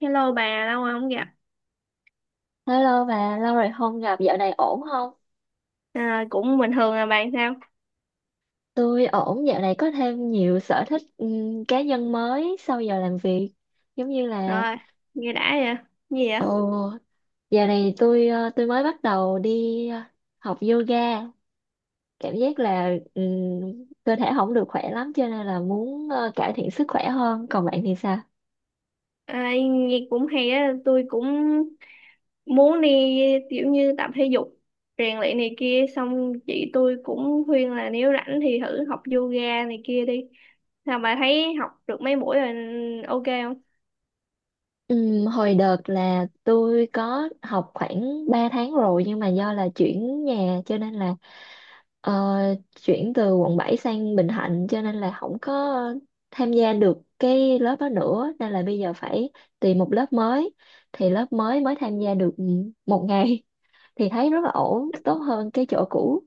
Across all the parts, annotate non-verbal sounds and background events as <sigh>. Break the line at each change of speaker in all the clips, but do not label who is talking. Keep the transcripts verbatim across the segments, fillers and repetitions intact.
Hello bà, lâu rồi không gặp.
Hello bà, lâu rồi không gặp, dạo này ổn không?
À, cũng bình thường. Là bạn sao?
Tôi ổn, dạo này có thêm nhiều sở thích ừm, cá nhân mới sau giờ làm việc. Giống như là,
Rồi, nghe đã vậy. Gì vậy?
ồ, dạo này tôi ờ, tôi mới bắt đầu đi ờ, học yoga. Cảm giác là ừm, cơ thể không được khỏe lắm cho nên là muốn ờ, cải thiện sức khỏe hơn. Còn bạn thì sao?
À, nghe cũng hay á, tôi cũng muốn đi kiểu như tập thể dục, rèn luyện này kia. Xong chị tôi cũng khuyên là nếu rảnh thì thử học yoga này kia đi. Sao bà thấy học được mấy buổi rồi ok không?
Ừm, hồi đợt là tôi có học khoảng ba tháng rồi nhưng mà do là chuyển nhà cho nên là Ờ, chuyển từ quận bảy sang Bình Thạnh, cho nên là không có tham gia được cái lớp đó nữa, nên là bây giờ phải tìm một lớp mới, thì lớp mới mới tham gia được một ngày <laughs> thì thấy rất là ổn, tốt hơn cái chỗ cũ.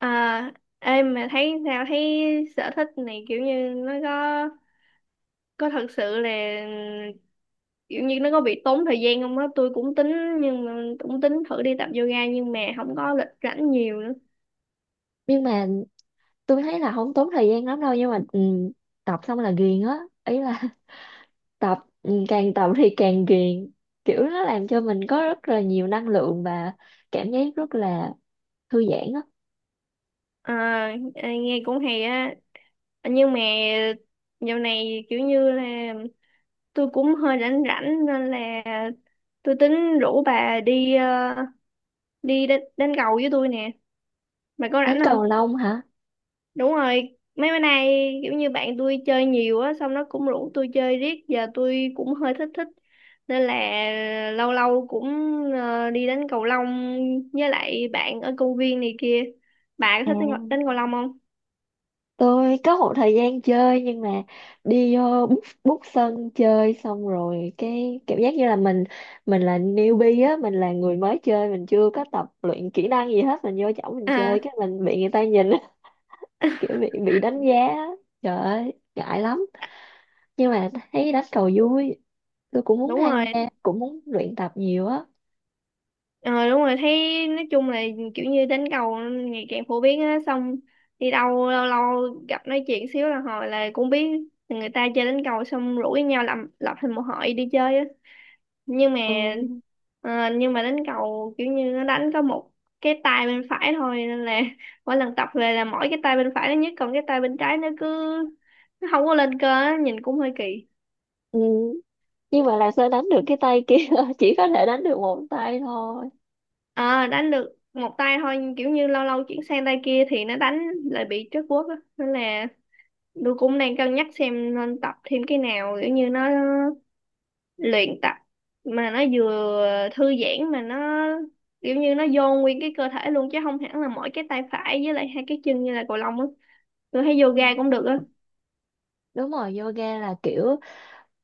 À, ê mà thấy sao, thấy sở thích này kiểu như nó có có thật sự là, kiểu như nó có bị tốn thời gian không á? Tôi cũng tính, nhưng mà cũng tính thử đi tập yoga nhưng mà không có lịch rảnh nhiều nữa.
Nhưng mà tôi thấy là không tốn thời gian lắm đâu, nhưng mà ừ, tập xong là ghiền á. Ý là <laughs> tập ừ, càng tập thì càng ghiền, kiểu nó làm cho mình có rất là nhiều năng lượng và cảm giác rất là thư giãn á.
À, à, nghe cũng hay á. Nhưng mà dạo này kiểu như là tôi cũng hơi rảnh rảnh nên là tôi tính rủ bà đi ờ, đi đánh, đánh cầu với tôi nè. Bà có
Đến
rảnh
cầu
không?
lông hả?
Đúng rồi, mấy bữa nay kiểu như bạn tôi chơi nhiều á, xong nó cũng rủ tôi chơi riết, giờ tôi cũng hơi thích thích. Nên là lâu lâu cũng ờ, đi đánh cầu lông với lại bạn ở công viên này kia. Bà có
À,
thích đánh, cầu- đánh cầu lông không?
tôi có một thời gian chơi, nhưng mà đi vô bút bút sân chơi xong rồi cái cảm giác như là mình mình là newbie á, mình là người mới chơi, mình chưa có tập luyện kỹ năng gì hết, mình vô chỗ mình
À,
chơi cái mình bị người ta nhìn á, <laughs> kiểu bị bị đánh giá á. Trời ơi ngại lắm, nhưng mà thấy đánh cầu vui, tôi cũng muốn
đúng
tham
rồi.
gia, cũng muốn luyện tập nhiều á.
Ờ, đúng rồi, thấy nói chung là kiểu như đánh cầu ngày càng phổ biến á, xong đi đâu lâu lâu gặp nói chuyện xíu là hồi là cũng biết người ta chơi đánh cầu, xong rủ với nhau làm, lập thành một hội đi chơi á. nhưng mà
Ừ.
ờ, nhưng mà đánh cầu kiểu như nó đánh có một cái tay bên phải thôi nên là <laughs> mỗi lần tập về là mỗi cái tay bên phải nó nhất, còn cái tay bên trái nó cứ, nó không có lên cơ á, nhìn cũng hơi kỳ.
Ừ. Nhưng mà làm sao đánh được cái tay kia, <laughs> chỉ có thể đánh được một tay thôi.
Ờ, đánh được một tay thôi nhưng kiểu như lâu lâu chuyển sang tay kia thì nó đánh lại bị trớt guốc á, nên là tôi cũng đang cân nhắc xem nên tập thêm cái nào kiểu như nó luyện tập mà nó vừa thư giãn, mà nó kiểu như nó vô nguyên cái cơ thể luôn chứ không hẳn là mỗi cái tay phải với lại hai cái chân như là cầu lông á. Tôi thấy
Ừ.
yoga cũng được á.
Đúng rồi, yoga là kiểu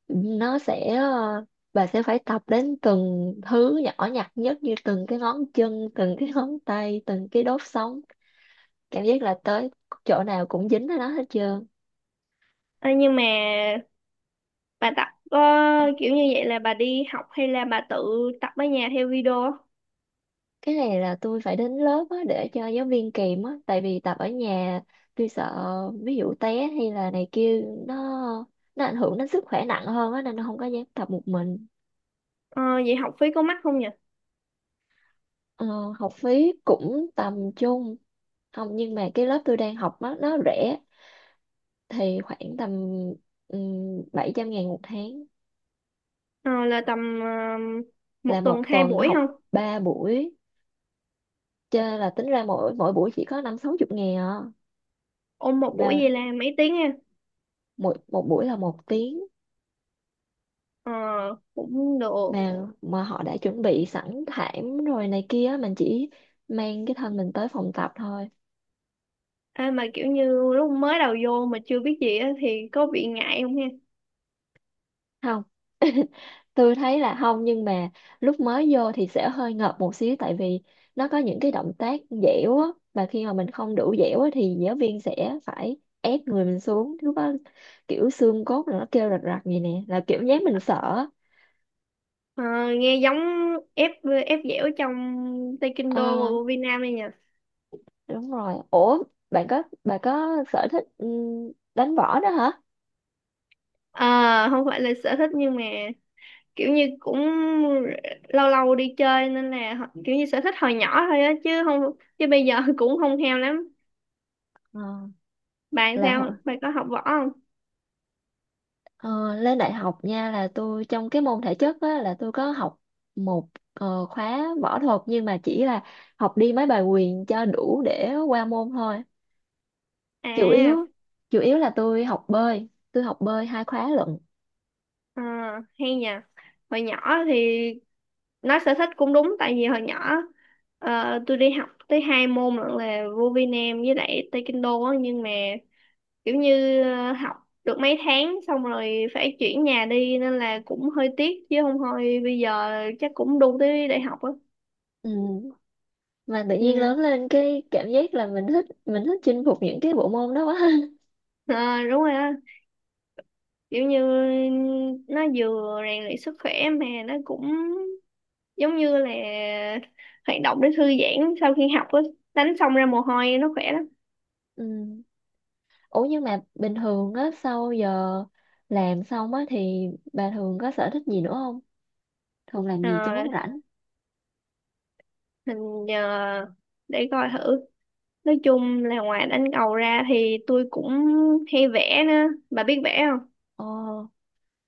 nó sẽ ờ, bà sẽ phải tập đến từng thứ nhỏ nhặt nhất, như từng cái ngón chân, từng cái ngón tay, từng cái đốt sống, cảm giác là tới chỗ nào cũng dính ở nó hết trơn.
Ờ, nhưng mà bà tập có kiểu như vậy là bà đi học hay là bà tự tập ở nhà theo video á?
Cái này là tôi phải đến lớp á, để cho giáo viên kìm á, tại vì tập ở nhà tôi sợ ví dụ té hay là này kia, nó nó ảnh hưởng đến sức khỏe nặng hơn á, nên nó không có dám tập một mình.
Ờ, vậy học phí có mắc không nhỉ?
Ờ, học phí cũng tầm trung, không, nhưng mà cái lớp tôi đang học nó nó rẻ, thì khoảng tầm um, bảy trăm ngàn một tháng.
Ờ, là tầm ờ,
Là
một
một
tuần hai
tuần
buổi
học
không?
ba buổi, chơi là tính ra mỗi mỗi buổi chỉ có năm sáu chục ngàn à.
Ôn một buổi
Mà
vậy là mấy tiếng ha?
một một buổi là một tiếng.
Ờ, cũng được.
Mà mà họ đã chuẩn bị sẵn thảm rồi này kia, mình chỉ mang cái thân mình tới phòng tập thôi.
Ê, mà kiểu như lúc mới đầu vô mà chưa biết gì á thì có bị ngại không ha?
Không, tôi thấy là không, nhưng mà lúc mới vô thì sẽ hơi ngợp một xíu, tại vì nó có những cái động tác dẻo á, và khi mà mình không đủ dẻo á, thì giáo viên sẽ phải ép người mình xuống, lúc đó kiểu xương cốt nó kêu rạch rạch vậy nè, là kiểu nhát mình sợ á.
Ờ, nghe giống ép ép dẻo trong Taekwondo
À,
của Việt Nam này nhỉ.
đúng rồi, ủa bạn có bạn có sở thích ừ, đánh võ đó hả?
Ờ, không phải là sở thích nhưng mà kiểu như cũng lâu lâu đi chơi nên là ho- kiểu như sở thích hồi nhỏ thôi á, chứ không, chứ bây giờ <laughs> cũng không theo lắm.
Ờ,
Bạn
là hồi-
sao, bạn có học võ không?
Ờ, lên đại học nha, là tôi trong cái môn thể chất á, là tôi có học một ờ, khóa võ thuật, nhưng mà chỉ là học đi mấy bài quyền cho đủ để qua môn thôi. chủ yếu
à
chủ yếu là tôi học bơi tôi học bơi hai khóa lận.
ờ, Hay nhỉ. Hồi nhỏ thì nói sở thích cũng đúng, tại vì hồi nhỏ ờ, tôi đi học tới hai môn lận là vô Việt Nam với lại Taekwondo á, nhưng mà kiểu như ờ, học được mấy tháng xong rồi phải chuyển nhà đi nên là cũng hơi tiếc, chứ không thôi bây giờ chắc cũng đu tới đại học á.
Ừ. Mà tự nhiên
Ừ.
lớn lên cái cảm giác là mình thích mình thích chinh phục những cái bộ môn đó quá.
Ờ, đúng rồi á, kiểu như nó vừa rèn luyện sức khỏe mà nó cũng giống như là hoạt động để thư giãn sau khi học á. Đánh xong ra mồ hôi nó khỏe lắm.
<laughs> Ừ. Ủa nhưng mà bình thường á, sau giờ làm xong á thì bà thường có sở thích gì nữa không, thường làm gì trong lúc
Ờ,
rảnh?
mình ờ, để coi thử. Nói chung là ngoài đánh cầu ra thì tôi cũng hay vẽ nữa. Bà biết vẽ không?
Ờ,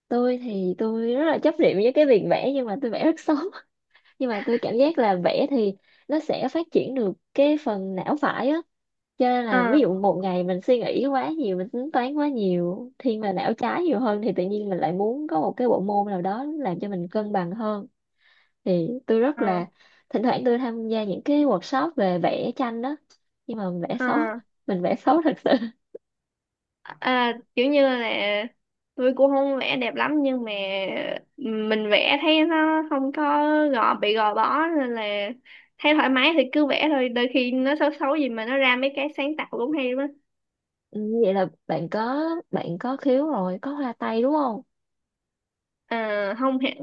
tôi thì tôi rất là chấp niệm với cái việc vẽ, nhưng mà tôi vẽ rất xấu. <laughs> Nhưng mà tôi cảm giác là vẽ thì nó sẽ phát triển được cái phần não phải á, cho nên
Ờ,
là ví dụ một ngày mình suy nghĩ quá nhiều, mình tính toán quá nhiều, thiên về não trái nhiều hơn, thì tự nhiên mình lại muốn có một cái bộ môn nào đó làm cho mình cân bằng hơn, thì tôi rất
ờ.
là, thỉnh thoảng tôi tham gia những cái workshop về vẽ tranh đó. Nhưng mà mình vẽ
Ờ,
xấu, <laughs> mình vẽ xấu thật sự. <laughs>
à, kiểu như là tôi cũng không vẽ đẹp lắm nhưng mà mình vẽ thấy nó không có gò bị gò bó nên là thấy thoải mái thì cứ vẽ thôi, đôi khi nó xấu xấu gì mà nó ra mấy cái sáng tạo cũng hay lắm á.
Ừ, vậy là bạn có bạn có khiếu rồi, có hoa tay đúng không?
Ờ, không hẳn.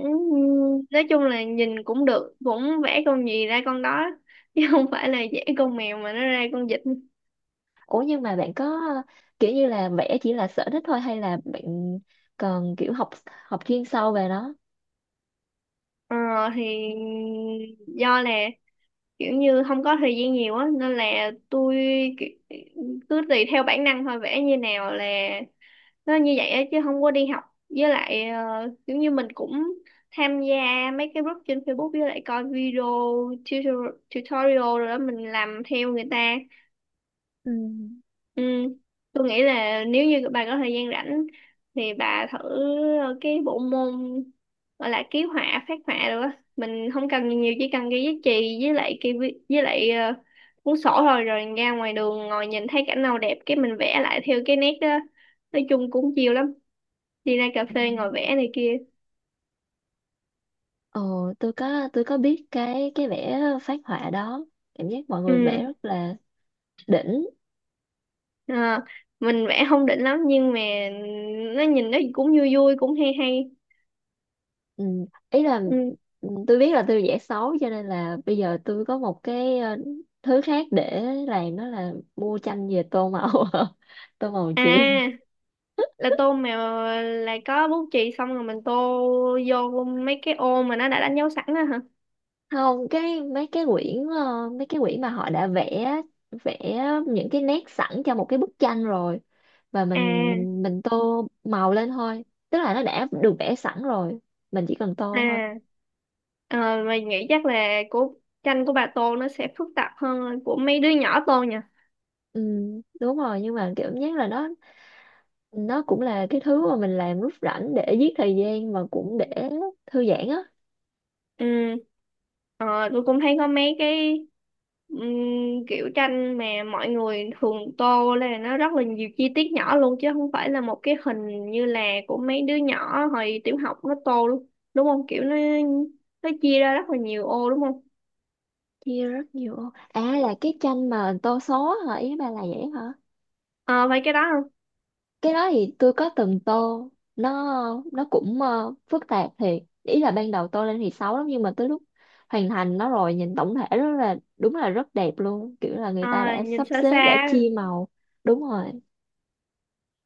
Nói chung là nhìn cũng được, cũng vẽ con gì ra con đó chứ không phải là vẽ con mèo mà nó ra con vịt.
Ủa nhưng mà bạn có kiểu như là vẽ chỉ là sở thích thôi, hay là bạn còn kiểu học học chuyên sâu về nó?
Ờ, thì do là kiểu như không có thời gian nhiều á nên là tôi ki- cứ tùy theo bản năng thôi, vẽ như nào là nó như vậy á, chứ không có đi học. Với lại ờ, kiểu như mình cũng tham gia mấy cái group trên Facebook với lại coi video tutor- tutorial rồi đó, mình làm theo người ta.
Ừ.
Ừ. Tôi nghĩ là nếu như bà có thời gian rảnh thì bà thử ờ, cái bộ môn gọi là ký họa, phác họa được á. Mình không cần nhiều nhiều, chỉ cần cái giấy chì với lại cái vi- với lại ờ, cuốn sổ thôi, rồi ra ngoài đường ngồi nhìn thấy cảnh nào đẹp cái mình vẽ lại theo cái nét đó. Nói chung cũng chiều lắm, đi ra cà
Ừ.
phê ngồi vẽ này kia.
Ờ, tôi có tôi có biết cái cái vẽ phác họa đó, cảm giác mọi người vẽ
Ừ.
rất là đỉnh.
ờ, mình vẽ không đỉnh lắm nhưng mà nó nhìn nó cũng vui vui, cũng hay hay.
ừ. Ý là
Ừ.
ừ, tôi biết là tôi vẽ xấu cho nên là bây giờ tôi có một cái ờ, thứ khác để làm, đó là mua tranh về tô màu. <laughs> Tô màu chì.
À, là tô mà lại có bút chì xong rồi mình tô vô mấy cái ô mà nó đã đánh dấu sẵn á hả?
Không, cái mấy cái quyển, ờ, mấy cái quyển mà họ đã vẽ vẽ những cái nét sẵn cho một cái bức tranh rồi, và mình
À.
mình mình tô màu lên thôi. Tức là nó đã được vẽ sẵn rồi, mình chỉ cần tô thôi.
À. Ờ, mình nghĩ chắc là của, tranh của bà tô nó sẽ phức tạp hơn của mấy đứa nhỏ tô nhỉ.
Ừ, đúng rồi, nhưng mà kiểu nhất là nó nó cũng là cái thứ mà mình làm lúc rảnh để giết thời gian, và cũng để thư giãn á.
Ừ. Ờ, tôi cũng thấy có mấy cái ừm, kiểu tranh mà mọi người thường tô là nó rất là nhiều chi tiết nhỏ luôn, chứ không phải là một cái hình như là của mấy đứa nhỏ hồi tiểu học nó tô luôn, đúng không? Kiểu nó nó chia ra rất là nhiều ô đúng không?
Chia rất nhiều. À, là cái tranh mà tô số hả, ý bà là vậy hả?
Ờ, phải cái đó không?
Cái đó thì tôi có từng tô. Nó nó cũng ờ, phức tạp thiệt, ý là ban đầu tô lên thì xấu lắm, nhưng mà tới lúc hoàn thành nó rồi nhìn tổng thể rất là, đúng là rất đẹp luôn, kiểu là người
Ờ,
ta đã
nhìn
sắp
xa
xếp, đã
xa.
chia màu. Đúng rồi.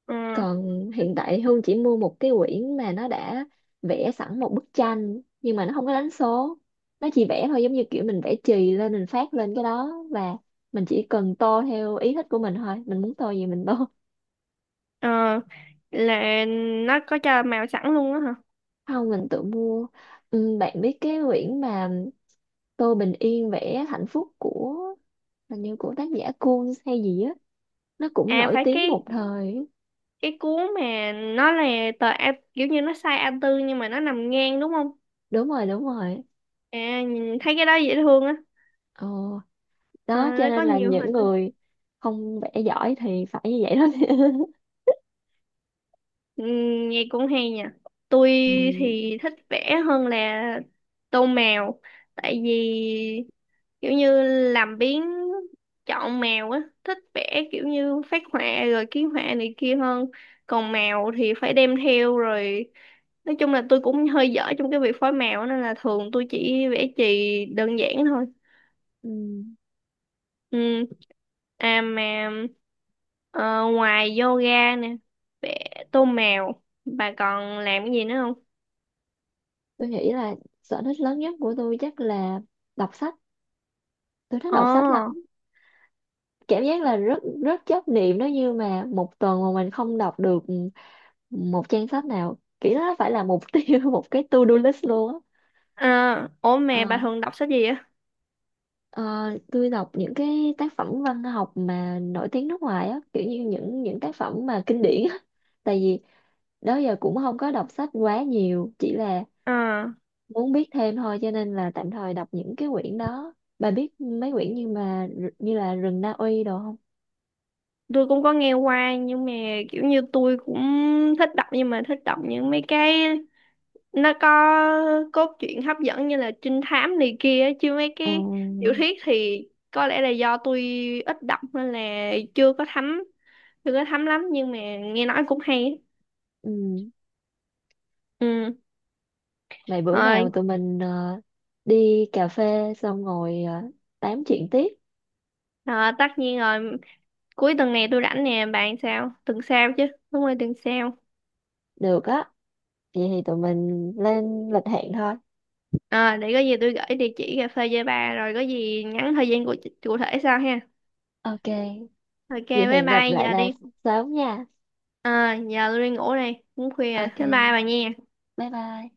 Ờ.
Còn hiện tại Hương chỉ mua một cái quyển mà nó đã vẽ sẵn một bức tranh, nhưng mà nó không có đánh số, nó chỉ vẽ thôi, giống như kiểu mình vẽ chì lên, mình phát lên cái đó, và mình chỉ cần tô theo ý thích của mình thôi, mình muốn tô gì mình tô.
Ờ, là nó có cho màu sẵn luôn á hả?
Không, mình tự mua. Ừ, bạn biết cái quyển mà Tô Bình Yên vẽ hạnh phúc của, hình như của tác giả Kuhn hay gì á, nó cũng
À,
nổi
phải
tiếng
cái,
một thời.
cái cuốn mà nó là tờ A, kiểu như nó size a tư nhưng mà nó nằm ngang đúng không?
Đúng rồi, đúng rồi.
À, nhìn thấy cái đó dễ thương á.
Ờ,
Ờ,
đó cho
nó có
nên là
nhiều
những
hình.
người không vẽ giỏi thì phải như vậy đó. <laughs>
Ừ, nghe cũng hay nha. Tôi
Ừ.
thì thích vẽ hơn là tô mèo. Tại vì kiểu như làm biếng chọn mèo á. Thích vẽ kiểu như phác họa rồi ký họa này kia hơn. Còn mèo thì phải đem theo rồi. Nói chung là tôi cũng hơi dở trong cái việc phối mèo nên là thường tôi chỉ vẽ chì đơn giản thôi.
Ừ,
Ừ. À mà ờ, ngoài yoga nè, vẽ tô mèo, bà còn làm cái gì nữa không?
tôi nghĩ là sở thích lớn nhất của tôi chắc là đọc sách. Tôi thích
Ồ,
đọc sách lắm. Cảm giác là rất rất chấp niệm đó, như mà một tuần mà mình không đọc được một trang sách nào kỹ đó, phải là mục tiêu, <laughs> một cái to-do list luôn á.
à, ủa mẹ bà
Ờ,
thường đọc sách gì á?
ờ, tôi đọc những cái tác phẩm văn học mà nổi tiếng nước ngoài á, kiểu như những những tác phẩm mà kinh điển á, <laughs> tại vì đó giờ cũng không có đọc sách quá nhiều, chỉ là
À,
muốn biết thêm thôi, cho nên là tạm thời đọc những cái quyển đó, bà biết mấy quyển như mà như là rừng Na Uy đồ không?
tôi cũng có nghe qua nhưng mà kiểu như tôi cũng thích đọc, nhưng mà thích đọc những mấy cái nó có cốt truyện hấp dẫn như là trinh thám này kia á, chứ mấy
À,
cái tiểu thuyết thì có lẽ là do tôi ít đọc nên là chưa có thấm, chưa có thấm lắm, nhưng mà nghe nói cũng hay á.
ừ.
Ừ.
Vậy bữa nào
Rồi,
tụi mình ờ, đi cà phê xong ngồi ờ, tám chuyện tiếp.
ờ, tất nhiên rồi, cuối tuần này tôi rảnh nè, bạn sao? Tuần sau chứ, đúng rồi, tuần sau.
Được á. Vậy thì tụi mình lên lịch hẹn thôi.
Ờ, để có gì tôi gửi địa chỉ cà phê cho bà, rồi có gì nhắn thời gian cụ, cụ thể sau ha.
Ok.
Ok,
Vậy
bye
hẹn gặp
bye,
lại
giờ
bà
đi.
sớm nha.
Ờ, giờ tôi đi ngủ đây, cũng khuya rồi.
Ok.
Bye bye bà nha.
Bye bye.